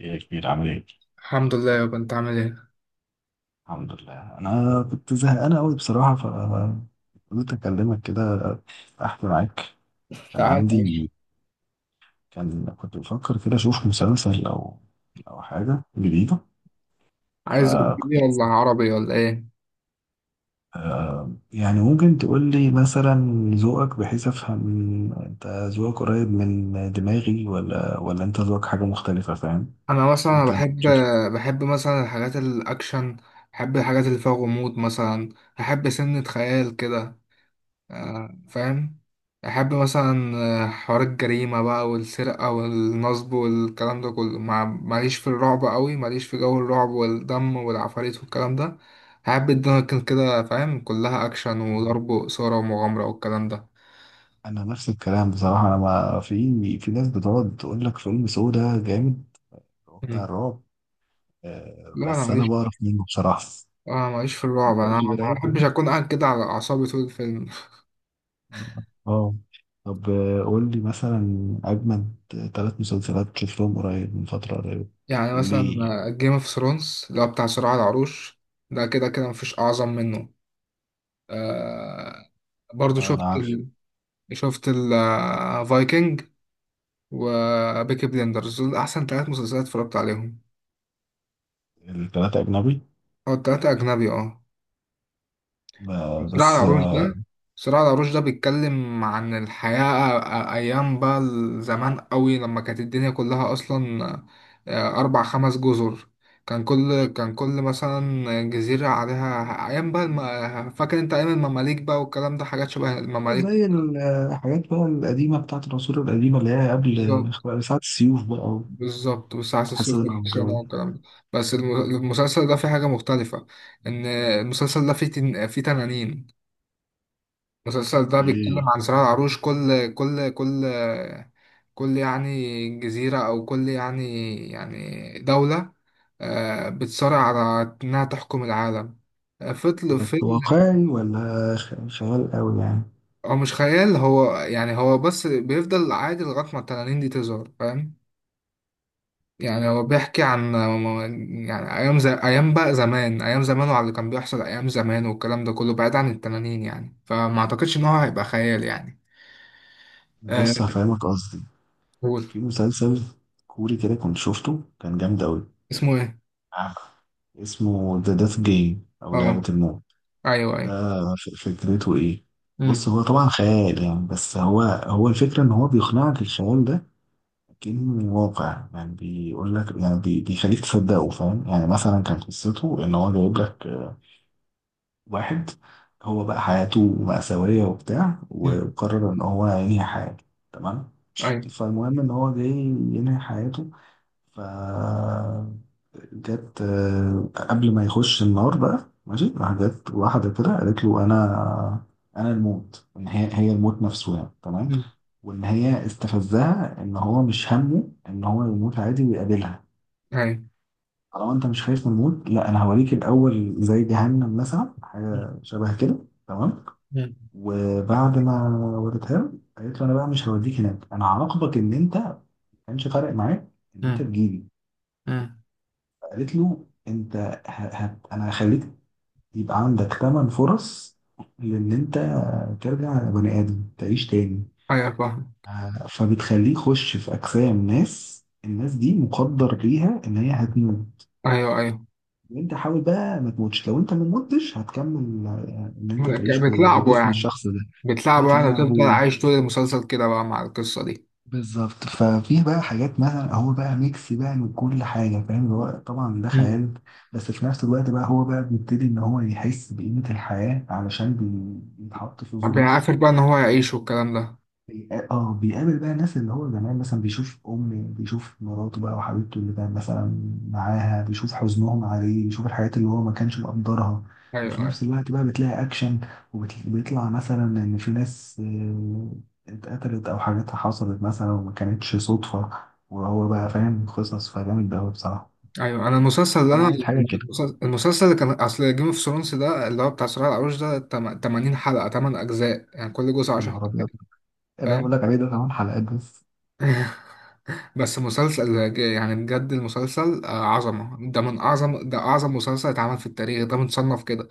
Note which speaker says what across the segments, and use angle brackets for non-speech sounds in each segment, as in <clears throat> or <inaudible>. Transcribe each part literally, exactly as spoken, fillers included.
Speaker 1: ايه يا كبير، عامل ايه؟
Speaker 2: الحمد لله يابا، انت عامل ايه؟
Speaker 1: الحمد لله، انا كنت زهقان قوي بصراحه، فقلت اكلمك كده، احكي معاك. كان
Speaker 2: تعالى
Speaker 1: عندي
Speaker 2: ماشي.
Speaker 1: كان كنت بفكر كده اشوف مسلسل او او حاجه جديده،
Speaker 2: عايز اجنبي
Speaker 1: فكنت عايز
Speaker 2: ولا
Speaker 1: أفهم.
Speaker 2: عربي ولا ايه؟
Speaker 1: يعني ممكن تقول لي مثلا ذوقك، بحيث افهم انت ذوقك قريب من دماغي ولا ولا انت ذوقك حاجه مختلفه، فاهم؟
Speaker 2: انا مثلا
Speaker 1: انت
Speaker 2: بحب،
Speaker 1: بتشوف.
Speaker 2: بحب مثلا الحاجات الاكشن، بحب الحاجات اللي فيها غموض مثلا، بحب سنة خيال كده. آه، فاهم. بحب مثلا آه، حوار الجريمة بقى والسرقة والنصب والكلام ده كله، مع ماليش في الرعب قوي، ماليش في جو الرعب والدم والعفاريت والكلام ده. بحب الدنيا تكون كده فاهم، كلها اكشن وضرب وإثارة ومغامرة والكلام ده.
Speaker 1: انا نفس الكلام بصراحه. انا ما في في ناس بتقعد تقول لك فيلم سودا جامد بتاع
Speaker 2: مم.
Speaker 1: الرعب. آه،
Speaker 2: لا انا
Speaker 1: بس انا
Speaker 2: ماليش،
Speaker 1: بعرف منه بصراحه.
Speaker 2: اه ماليش في الرعب،
Speaker 1: <laughs>
Speaker 2: انا
Speaker 1: مش
Speaker 2: ما
Speaker 1: برعب.
Speaker 2: بحبش اكون قاعد كده على اعصابي طول الفيلم.
Speaker 1: اه. طب، آه، قول لي مثلا اجمد ثلاث مسلسلات شفتهم قريب من فتره قريبه،
Speaker 2: يعني مثلا
Speaker 1: وليه.
Speaker 2: جيم اوف ثرونز اللي هو بتاع صراع العروش، ده كده كده مفيش اعظم منه. آه برضو
Speaker 1: اه انا
Speaker 2: شفت
Speaker 1: عارف.
Speaker 2: ال... شفت الفايكنج وبيكي بليندرز، دول احسن ثلاث مسلسلات اتفرجت عليهم.
Speaker 1: الثلاثه اجنبي.
Speaker 2: او التلاتة اجنبي اه.
Speaker 1: ب-
Speaker 2: صراع
Speaker 1: بس
Speaker 2: العروش
Speaker 1: آه،
Speaker 2: ده، صراع العروش ده بيتكلم عن الحياة أ- أيام بقى زمان قوي، لما كانت الدنيا كلها أصلا آه، أربع خمس جزر. كان كل كان كل مثلا جزيرة عليها أيام بقى الم... فاكر أنت أيام المماليك بقى، والكلام ده حاجات شبه
Speaker 1: آه،
Speaker 2: المماليك.
Speaker 1: زي ال- آه، الحاجات بقى القديمه بتاعت العصور القديمه اللي هي قبل،
Speaker 2: بالظبط.
Speaker 1: آه، ساعة السيوف بقى،
Speaker 2: بالظبط، والساعة الصفر
Speaker 1: والحصانة والجو
Speaker 2: والحسينة
Speaker 1: ده.
Speaker 2: والكلام ده. بس الم- المسلسل ده فيه حاجة مختلفة، إن المسلسل ده فيه تن... فيه تنانين. المسلسل ده بيتكلم
Speaker 1: ايه.
Speaker 2: عن صراع العروش، كل كل كل كل يعني جزيرة أو كل يعني يعني دولة آه، بتصارع على إنها تحكم العالم. آه، فضل
Speaker 1: بس
Speaker 2: فيلم.
Speaker 1: واقعي ولا خ- خيال قوي يعني؟
Speaker 2: هو مش خيال، هو يعني هو بس بيفضل عادي لغاية ما التنانين دي تظهر فاهم. يعني هو بيحكي عن يعني أيام زي أيام بقى زمان، أيام زمان وعلى اللي كان بيحصل أيام زمان والكلام ده كله بعيد عن التنانين، يعني فما أعتقدش إن هو هيبقى خيال يعني. آه،
Speaker 1: بص هفهمك قصدي.
Speaker 2: قول.
Speaker 1: في مسلسل كوري كده كنت شفته، كان جامد أوي.
Speaker 2: اسمه إيه؟
Speaker 1: عارف. اسمه ذا ديث جيم أو لعبة
Speaker 2: أه
Speaker 1: الموت.
Speaker 2: أيوه
Speaker 1: ده
Speaker 2: أيوه.
Speaker 1: ف- فكرته إيه؟
Speaker 2: أمم،
Speaker 1: بص هو طبعا خيال يعني، بس هو هو الفكرة إن هو بيقنعك الخيال ده كأنه واقع. يعني بيقول لك، يعني بي- بيخليك تصدقه، فاهم؟ يعني مثلا كان قصته إن هو جايب لك، آه، واحد، هو بقى حياته مأساوية وبتاع،
Speaker 2: أمم،
Speaker 1: وقرر إن هو ينهي حياته. تمام.
Speaker 2: أيوه.
Speaker 1: فالمهم إن هو جاي ينهي حياته، ف جت، آه، قبل ما يخش النار بقى، ماشي راح، جت واحدة كده قالت له أنا أنا الموت، إن هي هي الموت نفسه يعني. تمام.
Speaker 2: أمم،
Speaker 1: وإن هي استفزها إن هو مش همه إن هو يموت عادي ويقابلها.
Speaker 2: أيوه.
Speaker 1: طالما أنت مش خايف من الموت، لا أنا هوريك الأول زي جهنم مثلا، حاجة شبه كده. تمام.
Speaker 2: مم.
Speaker 1: وبعد ما وريتها له، قالت له أنا بقى مش هوديك هناك، أنا هعاقبك إن أنت ما كانش فارق معاك إن أنت
Speaker 2: مم.
Speaker 1: تجيلي.
Speaker 2: مم.
Speaker 1: قالت له انت، ه... ه... انا هخليك يبقى عندك ثمان فرص لان انت ترجع بني ادم تعيش تاني.
Speaker 2: ايوه فاهم.
Speaker 1: آه، فبتخليه يخش في اجسام ناس الناس دي مقدر ليها ان هي هتموت،
Speaker 2: ايوه ايوه.
Speaker 1: وانت حاول بقى ما تموتش. لو انت ما متش هتكمل، آه، ان انت تعيش في-
Speaker 2: بتلعبه
Speaker 1: بجسم
Speaker 2: يعني،
Speaker 1: الشخص ده.
Speaker 2: بتلعبه يعني وتفضل
Speaker 1: بتلعبه
Speaker 2: عايش طول المسلسل كده بقى مع القصة دي.
Speaker 1: بالظبط. ففيه بقى حاجات مثلا، هو بقى ميكس بقى من كل حاجة، فاهم؟ اللي هو طبعا ده
Speaker 2: مم.
Speaker 1: خيال، بس في نفس الوقت بقى هو بقى بيبتدي إن هو يحس بقيمة الحياة علشان بي- بيتحط في
Speaker 2: طب يعني
Speaker 1: ظروف.
Speaker 2: عارف بقى ان هو يعيش والكلام ده.
Speaker 1: بيقا- اه بيقابل بقى الناس اللي هو زمان مثلا، بيشوف امه، بيشوف مراته بقى وحبيبته اللي كان مثلا معاها، بيشوف حزنهم عليه، بيشوف الحاجات اللي هو ما كانش مقدرها.
Speaker 2: ايوه
Speaker 1: وفي
Speaker 2: ايوه.
Speaker 1: نفس الوقت بقى بتلاقي اكشن، وبيطلع مثلا ان في ناس آه، اتقتلت او حاجاتها حصلت مثلا وما كانتش صدفة. وهو بقى فاهم قصص. فجامد ده أوي بصراحة.
Speaker 2: ايوه انا المسلسل اللي
Speaker 1: فانا
Speaker 2: انا،
Speaker 1: عايز حاجة كده.
Speaker 2: المسلسل المسلسل اللي كان اصل جيم اوف ثرونز ده اللي هو بتاع صراع العروش ده، تم- ثمانين حلقة، تمن اجزاء يعني كل جزء
Speaker 1: يا
Speaker 2: عشرة.
Speaker 1: نهار ابيض، اللي أنا بقول
Speaker 2: فاهم.
Speaker 1: لك عليه ده كمان حلقات بس.
Speaker 2: <laughs> بس مسلسل ج- يعني بجد المسلسل آه، عظمة، ده من اعظم، ده اعظم مسلسل اتعمل في التاريخ، ده متصنف كده.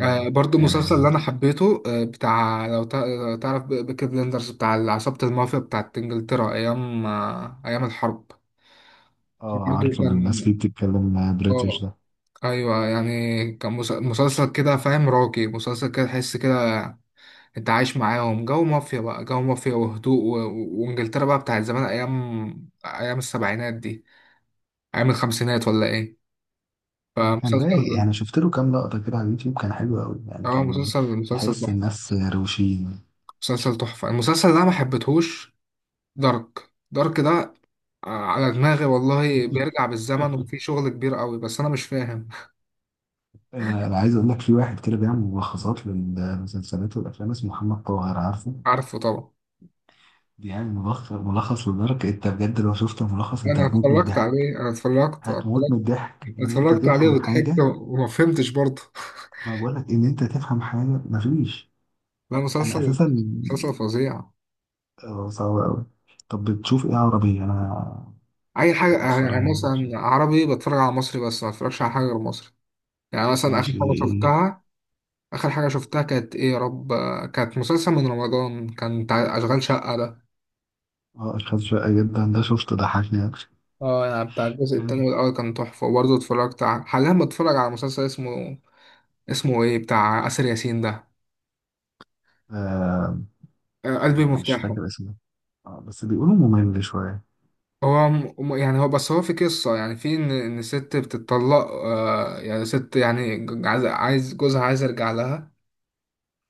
Speaker 2: آه برضو
Speaker 1: يعني
Speaker 2: مسلسل اللي انا حبيته آه بتاع، لو تع- لو تعرف بي- بيكي بلندرز بتاع عصابة المافيا بتاعت انجلترا ايام آه ايام الحرب.
Speaker 1: اه،
Speaker 2: برضو
Speaker 1: عارفه ان الناس
Speaker 2: كان،
Speaker 1: فيه بتتكلم بريتش
Speaker 2: اه
Speaker 1: ده.
Speaker 2: ايوه يعني كان مس- مسلسل كده فاهم راقي، مسلسل كده تحس كده انت عايش معاهم جو مافيا بقى، جو مافيا وهدوء و... و- وانجلترا بقى بتاعت زمان، ايام ايام السبعينات دي، ايام الخمسينات ولا ايه.
Speaker 1: هو كان رايق
Speaker 2: فمسلسل،
Speaker 1: يعني، شفت له كام لقطة كده على اليوتيوب، كان حلو قوي يعني.
Speaker 2: اه
Speaker 1: كان
Speaker 2: مسلسل، مسلسل
Speaker 1: تحس
Speaker 2: تحفة.
Speaker 1: الناس روشين.
Speaker 2: مسلسل تحفة. المسلسل اللي انا ما حبيتهوش دارك، دارك ده آه، على دماغي والله،
Speaker 1: <laughs>
Speaker 2: بيرجع بالزمن وفي شغل كبير قوي بس انا مش فاهم.
Speaker 1: آه، انا عايز اقول لك، في واحد كده بيعمل ملخصات للمسلسلات والافلام اسمه محمد طاهر، عارفه؟
Speaker 2: عارفه طبعا.
Speaker 1: بيعمل ملخص ملخص لدرجة إيه؟ انت بجد لو شفت الملخص انت
Speaker 2: انا
Speaker 1: هتموت من
Speaker 2: اتفرجت
Speaker 1: الضحك.
Speaker 2: عليه، انا اتفرجت،
Speaker 1: هتموت من
Speaker 2: اتفرجت،
Speaker 1: الضحك ان انت
Speaker 2: اتفرجت عليه
Speaker 1: تفهم
Speaker 2: وضحكت
Speaker 1: حاجة.
Speaker 2: وما فهمتش برضه.
Speaker 1: ما بقول لك ان انت تفهم حاجة، مفيش.
Speaker 2: لا
Speaker 1: انا
Speaker 2: مسلسل،
Speaker 1: اساسا
Speaker 2: مسلسل فظيع.
Speaker 1: آه، صعب قوي. طب بتشوف ايه عربي انا
Speaker 2: اي حاجه، آه،
Speaker 1: مؤخرا؟
Speaker 2: يعني مثلا عربي بتفرج على مصري بس، ما اتفرجش على حاجه غير مصري. يعني مثلا اخر
Speaker 1: ماشي.
Speaker 2: حاجه
Speaker 1: ايه؟
Speaker 2: شفتها، اخر حاجه شفتها كانت ايه يا رب، آه، كانت مسلسل من رمضان كان بتاع اشغال شقه ده.
Speaker 1: اه، اشخاص شقة جدا ده شفته، ضحكني يعني.
Speaker 2: اه يعني بتاع الجزء التاني،
Speaker 1: كان
Speaker 2: والأول كان تحفة، وبرضه اتفرجت على، حاليا بتفرج على مسلسل اسمه، اسمه ايه بتاع آسر ياسين ده،
Speaker 1: آه
Speaker 2: آه، قلبي
Speaker 1: ما- مش
Speaker 2: مفتاحه.
Speaker 1: فاكر اسمه. اه بس بيقولوا ممل شوية
Speaker 2: هو م- م- يعني هو بس، هو في قصة يعني، في إن إن ست بتطلق آه يعني ست يعني ج- عايز، عايز جوزها عايز يرجع لها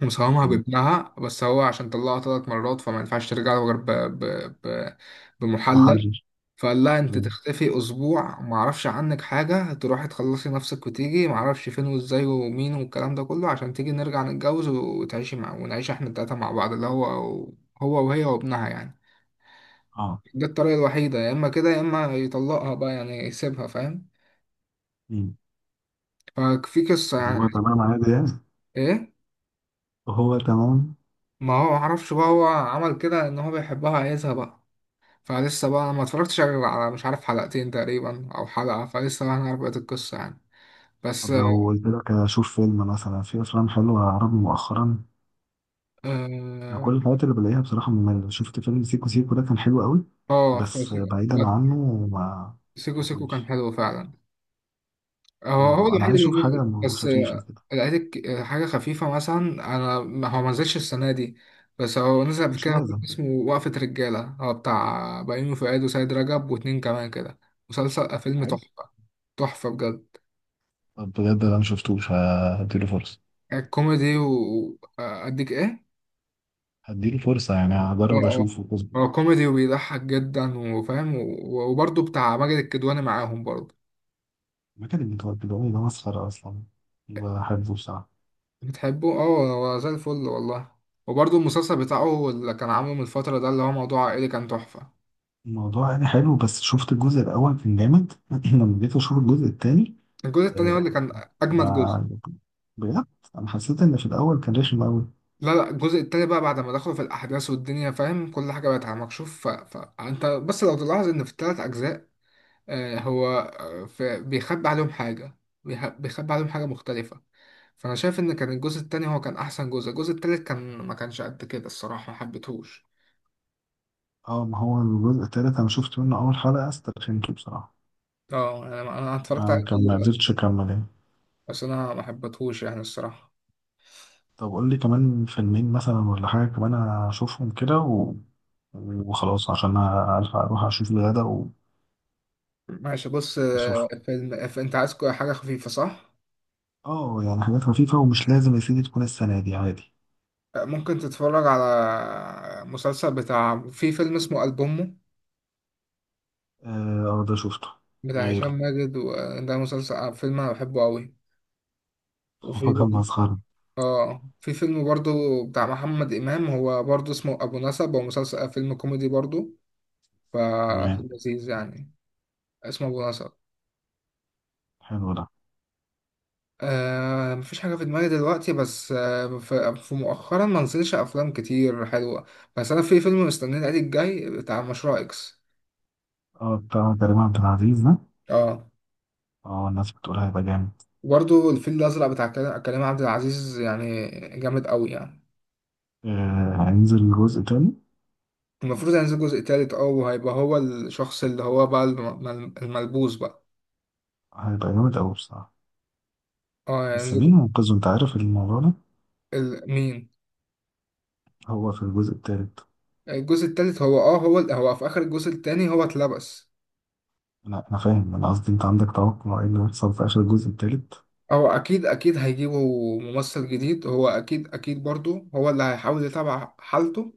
Speaker 2: ومساهمها
Speaker 1: يعني.
Speaker 2: بابنها، بس هو عشان طلقها ثلاث مرات فما ينفعش ترجع له غير ب- ب- ب- بمحلل.
Speaker 1: محرج.
Speaker 2: فقال لها انت
Speaker 1: مم.
Speaker 2: تختفي اسبوع ما اعرفش عنك حاجه، تروحي تخلصي نفسك وتيجي ما اعرفش فين وازاي ومين، والكلام ده كله عشان تيجي نرجع نتجوز وتعيشي مع، ونعيش احنا التلاته مع بعض اللي هو، هو وهي وابنها يعني.
Speaker 1: اه.
Speaker 2: ده الطريقه الوحيده، يا اما كده يا اما يطلقها بقى يعني يسيبها فاهم.
Speaker 1: مم.
Speaker 2: ففي قصه
Speaker 1: وهو
Speaker 2: يعني.
Speaker 1: تمام عادي يعني؟
Speaker 2: ايه.
Speaker 1: وهو تمام؟
Speaker 2: ما هو ما اعرفش بقى، هو عمل كده ان هو بيحبها عايزها بقى. فلسه بقى انا ما اتفرجتش غير على مش عارف حلقتين تقريبا او حلقه، فلسه بقى هنعرف بقيه القصه يعني. بس
Speaker 1: طب لو قلت لك اشوف فيلم، مثلا في افلام حلوة عربي مؤخرا؟ انا
Speaker 2: آه،
Speaker 1: كل الحاجات اللي بلاقيها بصراحة مملة. شفت فيلم سيكو سيكو ده كان حلو قوي،
Speaker 2: اه
Speaker 1: بس
Speaker 2: فسيكو،
Speaker 1: بعيدا عنه ما
Speaker 2: سيكو
Speaker 1: ما
Speaker 2: سيكو كان
Speaker 1: فيش.
Speaker 2: حلو فعلا. هو هو
Speaker 1: ما... انا
Speaker 2: الوحيد
Speaker 1: عايز اشوف
Speaker 2: اللي نزل
Speaker 1: حاجة
Speaker 2: بس،
Speaker 1: خفيفة
Speaker 2: آه،
Speaker 1: كده.
Speaker 2: لقيت آه، حاجة خفيفة مثلا. أنا ما- هو ما نزلش السنة دي، بس هو نزل قبل
Speaker 1: مش
Speaker 2: كده فيلم
Speaker 1: لازم.
Speaker 2: اسمه وقفة رجالة، هو بتاع بيومي فؤاد وسيد رجب واتنين كمان كده. مسلسل، آه، فيلم
Speaker 1: حلو.
Speaker 2: تحفة، تحفة بجد.
Speaker 1: طب بجد انا مشفتوش، هديله فرصة.
Speaker 2: كوميدي وأديك إيه؟
Speaker 1: هديله فرصة يعني،
Speaker 2: اه
Speaker 1: هجرب
Speaker 2: اه.
Speaker 1: أشوفه بس.
Speaker 2: هو كوميدي وبيضحك جدا وفاهم و- وبرضه بتاع ماجد الكدواني معاهم برضه.
Speaker 1: المكان اللي بيقولوا ده مسخرة أصلا، بحبه بصراحة.
Speaker 2: بتحبوه اه، هو زي الفل والله. وبرضه المسلسل بتاعه اللي كان عامله من الفترة ده اللي هو موضوع عائلي كان تحفة.
Speaker 1: الموضوع يعني حلو، بس شفت الجزء الأول كان جامد. <clears throat> لما جيت أشوف الجزء التاني،
Speaker 2: الجزء التاني هو
Speaker 1: آه،
Speaker 2: اللي كان أجمد جزء.
Speaker 1: ما بجد أنا حسيت إن في الأول كان رخم أوي.
Speaker 2: لا لا، الجزء التاني بقى بعد ما دخلوا في الأحداث والدنيا، فاهم كل حاجة بقت على مكشوف. ف... فأنت بس لو تلاحظ إن في التلات أجزاء، آه هو آه، في... بيخبي عليهم حاجة، بيخ- بيخبي عليهم حاجة مختلفة. فأنا شايف إن كان الجزء التاني هو كان أحسن جزء، الجزء التالت كان ما كانش قد كده الصراحة، ما حبيتهوش.
Speaker 1: أه، ما هو الجزء التالت أنا شفت منه أول حلقة، استرخمته بصراحة.
Speaker 2: اه يعني أنا أنا اتفرجت عليه
Speaker 1: ما كان ما
Speaker 2: كله،
Speaker 1: قدرتش أكمل يعني.
Speaker 2: بس أنا ما حبيتهوش يعني الصراحة.
Speaker 1: طب قول لي كمان فيلمين مثلا، ولا حاجة كمان أشوفهم كده و... وخلاص عشان ألحق أروح أشوف الغدا و...
Speaker 2: ماشي بص آه،
Speaker 1: وأشوف.
Speaker 2: فيلم ف- انت عايز كو- حاجة خفيفة صح؟
Speaker 1: اه يعني حاجات خفيفة، ومش لازم يا سيدي تكون السنة دي، عادي.
Speaker 2: آه، ممكن تتفرج على مسلسل بتاع، في فيلم اسمه ألبومه
Speaker 1: اه، آه، ده شفته.
Speaker 2: بتاع هشام
Speaker 1: غيره.
Speaker 2: ماجد، وده مسلسل، آه، فيلم انا بحبه قوي.
Speaker 1: <laughs> هو
Speaker 2: وفي
Speaker 1: كان
Speaker 2: برضه،
Speaker 1: مسخرة.
Speaker 2: اه في فيلم برضه بتاع محمد إمام، هو برضه اسمه أبو نسب، هو مسلسل، آه، فيلم كوميدي برضه،
Speaker 1: تمام.
Speaker 2: ففيلم لذيذ يعني. اسمه أبو نسب.
Speaker 1: حلو ده.
Speaker 2: آه مفيش حاجة في دماغي دلوقتي، بس آه في في مؤخرا ما نزلش أفلام كتير حلوة. بس أنا في فيلم مستنيه العيد الجاي بتاع مشروع إكس.
Speaker 1: اه، بتاع كريم عبد العزيز ده.
Speaker 2: اه.
Speaker 1: اه، الناس بتقول هيبقى جامد.
Speaker 2: وبرضه الفيل الأزرق بتاع كلا- كريم عبد العزيز، يعني جامد أوي يعني.
Speaker 1: آه، هينزل جزء تاني.
Speaker 2: المفروض هينزل جزء تالت اه، وهيبقى هو الشخص اللي هو بقى الم- الم- الملبوس بقى.
Speaker 1: هيبقى جامد أوي بصراحة.
Speaker 2: اه
Speaker 1: بس
Speaker 2: هينزل.
Speaker 1: مين منقذه؟ انت عارف الموضوع ده.
Speaker 2: ال- مين؟
Speaker 1: هو في الجزء التالت.
Speaker 2: الجزء التالت هو اه، هو هو في آخر الجزء التاني هو اتلبس.
Speaker 1: لا انا فاهم، انا قصدي انت عندك توقع ايه اللي هيحصل في اخر الجزء التالت.
Speaker 2: هو اكيد اكيد هيجيبوا ممثل جديد، هو اكيد اكيد برضو هو اللي هيحاول يتابع حالته،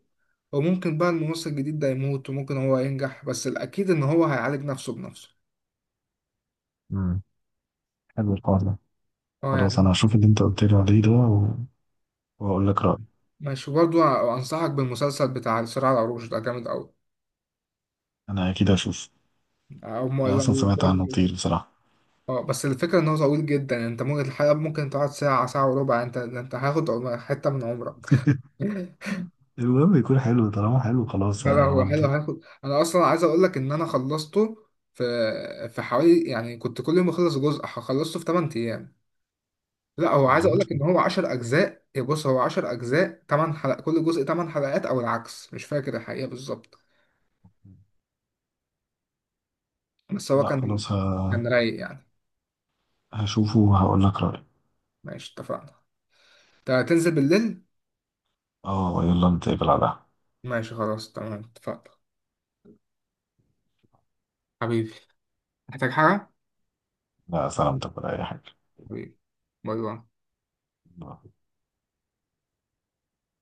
Speaker 2: وممكن بقى الممثل الجديد ده يموت وممكن هو ينجح، بس الاكيد ان هو هيعالج نفسه بنفسه.
Speaker 1: امم حلو الحوار ده.
Speaker 2: اه
Speaker 1: خلاص
Speaker 2: يعني.
Speaker 1: انا هشوف اللي انت قلت لي عليه ده و... واقول لك رأيي.
Speaker 2: ماشي. برضو انصحك بالمسلسل بتاع صراع العروش ده، جامد قوي.
Speaker 1: انا اكيد هشوف.
Speaker 2: او م-
Speaker 1: انا
Speaker 2: لو
Speaker 1: اصلا سمعت عنه
Speaker 2: برضو،
Speaker 1: كتير بصراحة.
Speaker 2: اه بس الفكره ان هو طويل جدا، يعني انت ممكن الحلقه ممكن تقعد ساعه، ساعه وربع، انت انت هاخد حته من عمرك.
Speaker 1: <laughs>
Speaker 2: <laughs>
Speaker 1: المهم يكون حلو، طالما حلو خلاص،
Speaker 2: لا لا هو حلو.
Speaker 1: هودي.
Speaker 2: هاخد، انا اصلا عايز اقول لك ان انا خلصته في في حوالي يعني، كنت كل يوم اخلص جزء، خلصته في ثمانية ايام. لا هو،
Speaker 1: طب
Speaker 2: عايز اقول
Speaker 1: وانت؟
Speaker 2: لك ان هو عشر اجزاء، يا بص هو عشر اجزاء تمن حلقات، كل جزء تمن حلقات او العكس، مش فاكر الحقيقة بالظبط. بس هو
Speaker 1: لا
Speaker 2: كان،
Speaker 1: خلاص ه...
Speaker 2: كان رايق يعني.
Speaker 1: هشوفه وهقول لك رأيي.
Speaker 2: ماشي اتفقنا. انت هتنزل بالليل؟
Speaker 1: اه يلا، نتقابل على القهوة.
Speaker 2: ماشي خلاص تمام اتفقنا. حبيبي، محتاج حاجة؟
Speaker 1: لا سلامتك ولا أي
Speaker 2: حبيبي. باي باي.
Speaker 1: حاجة.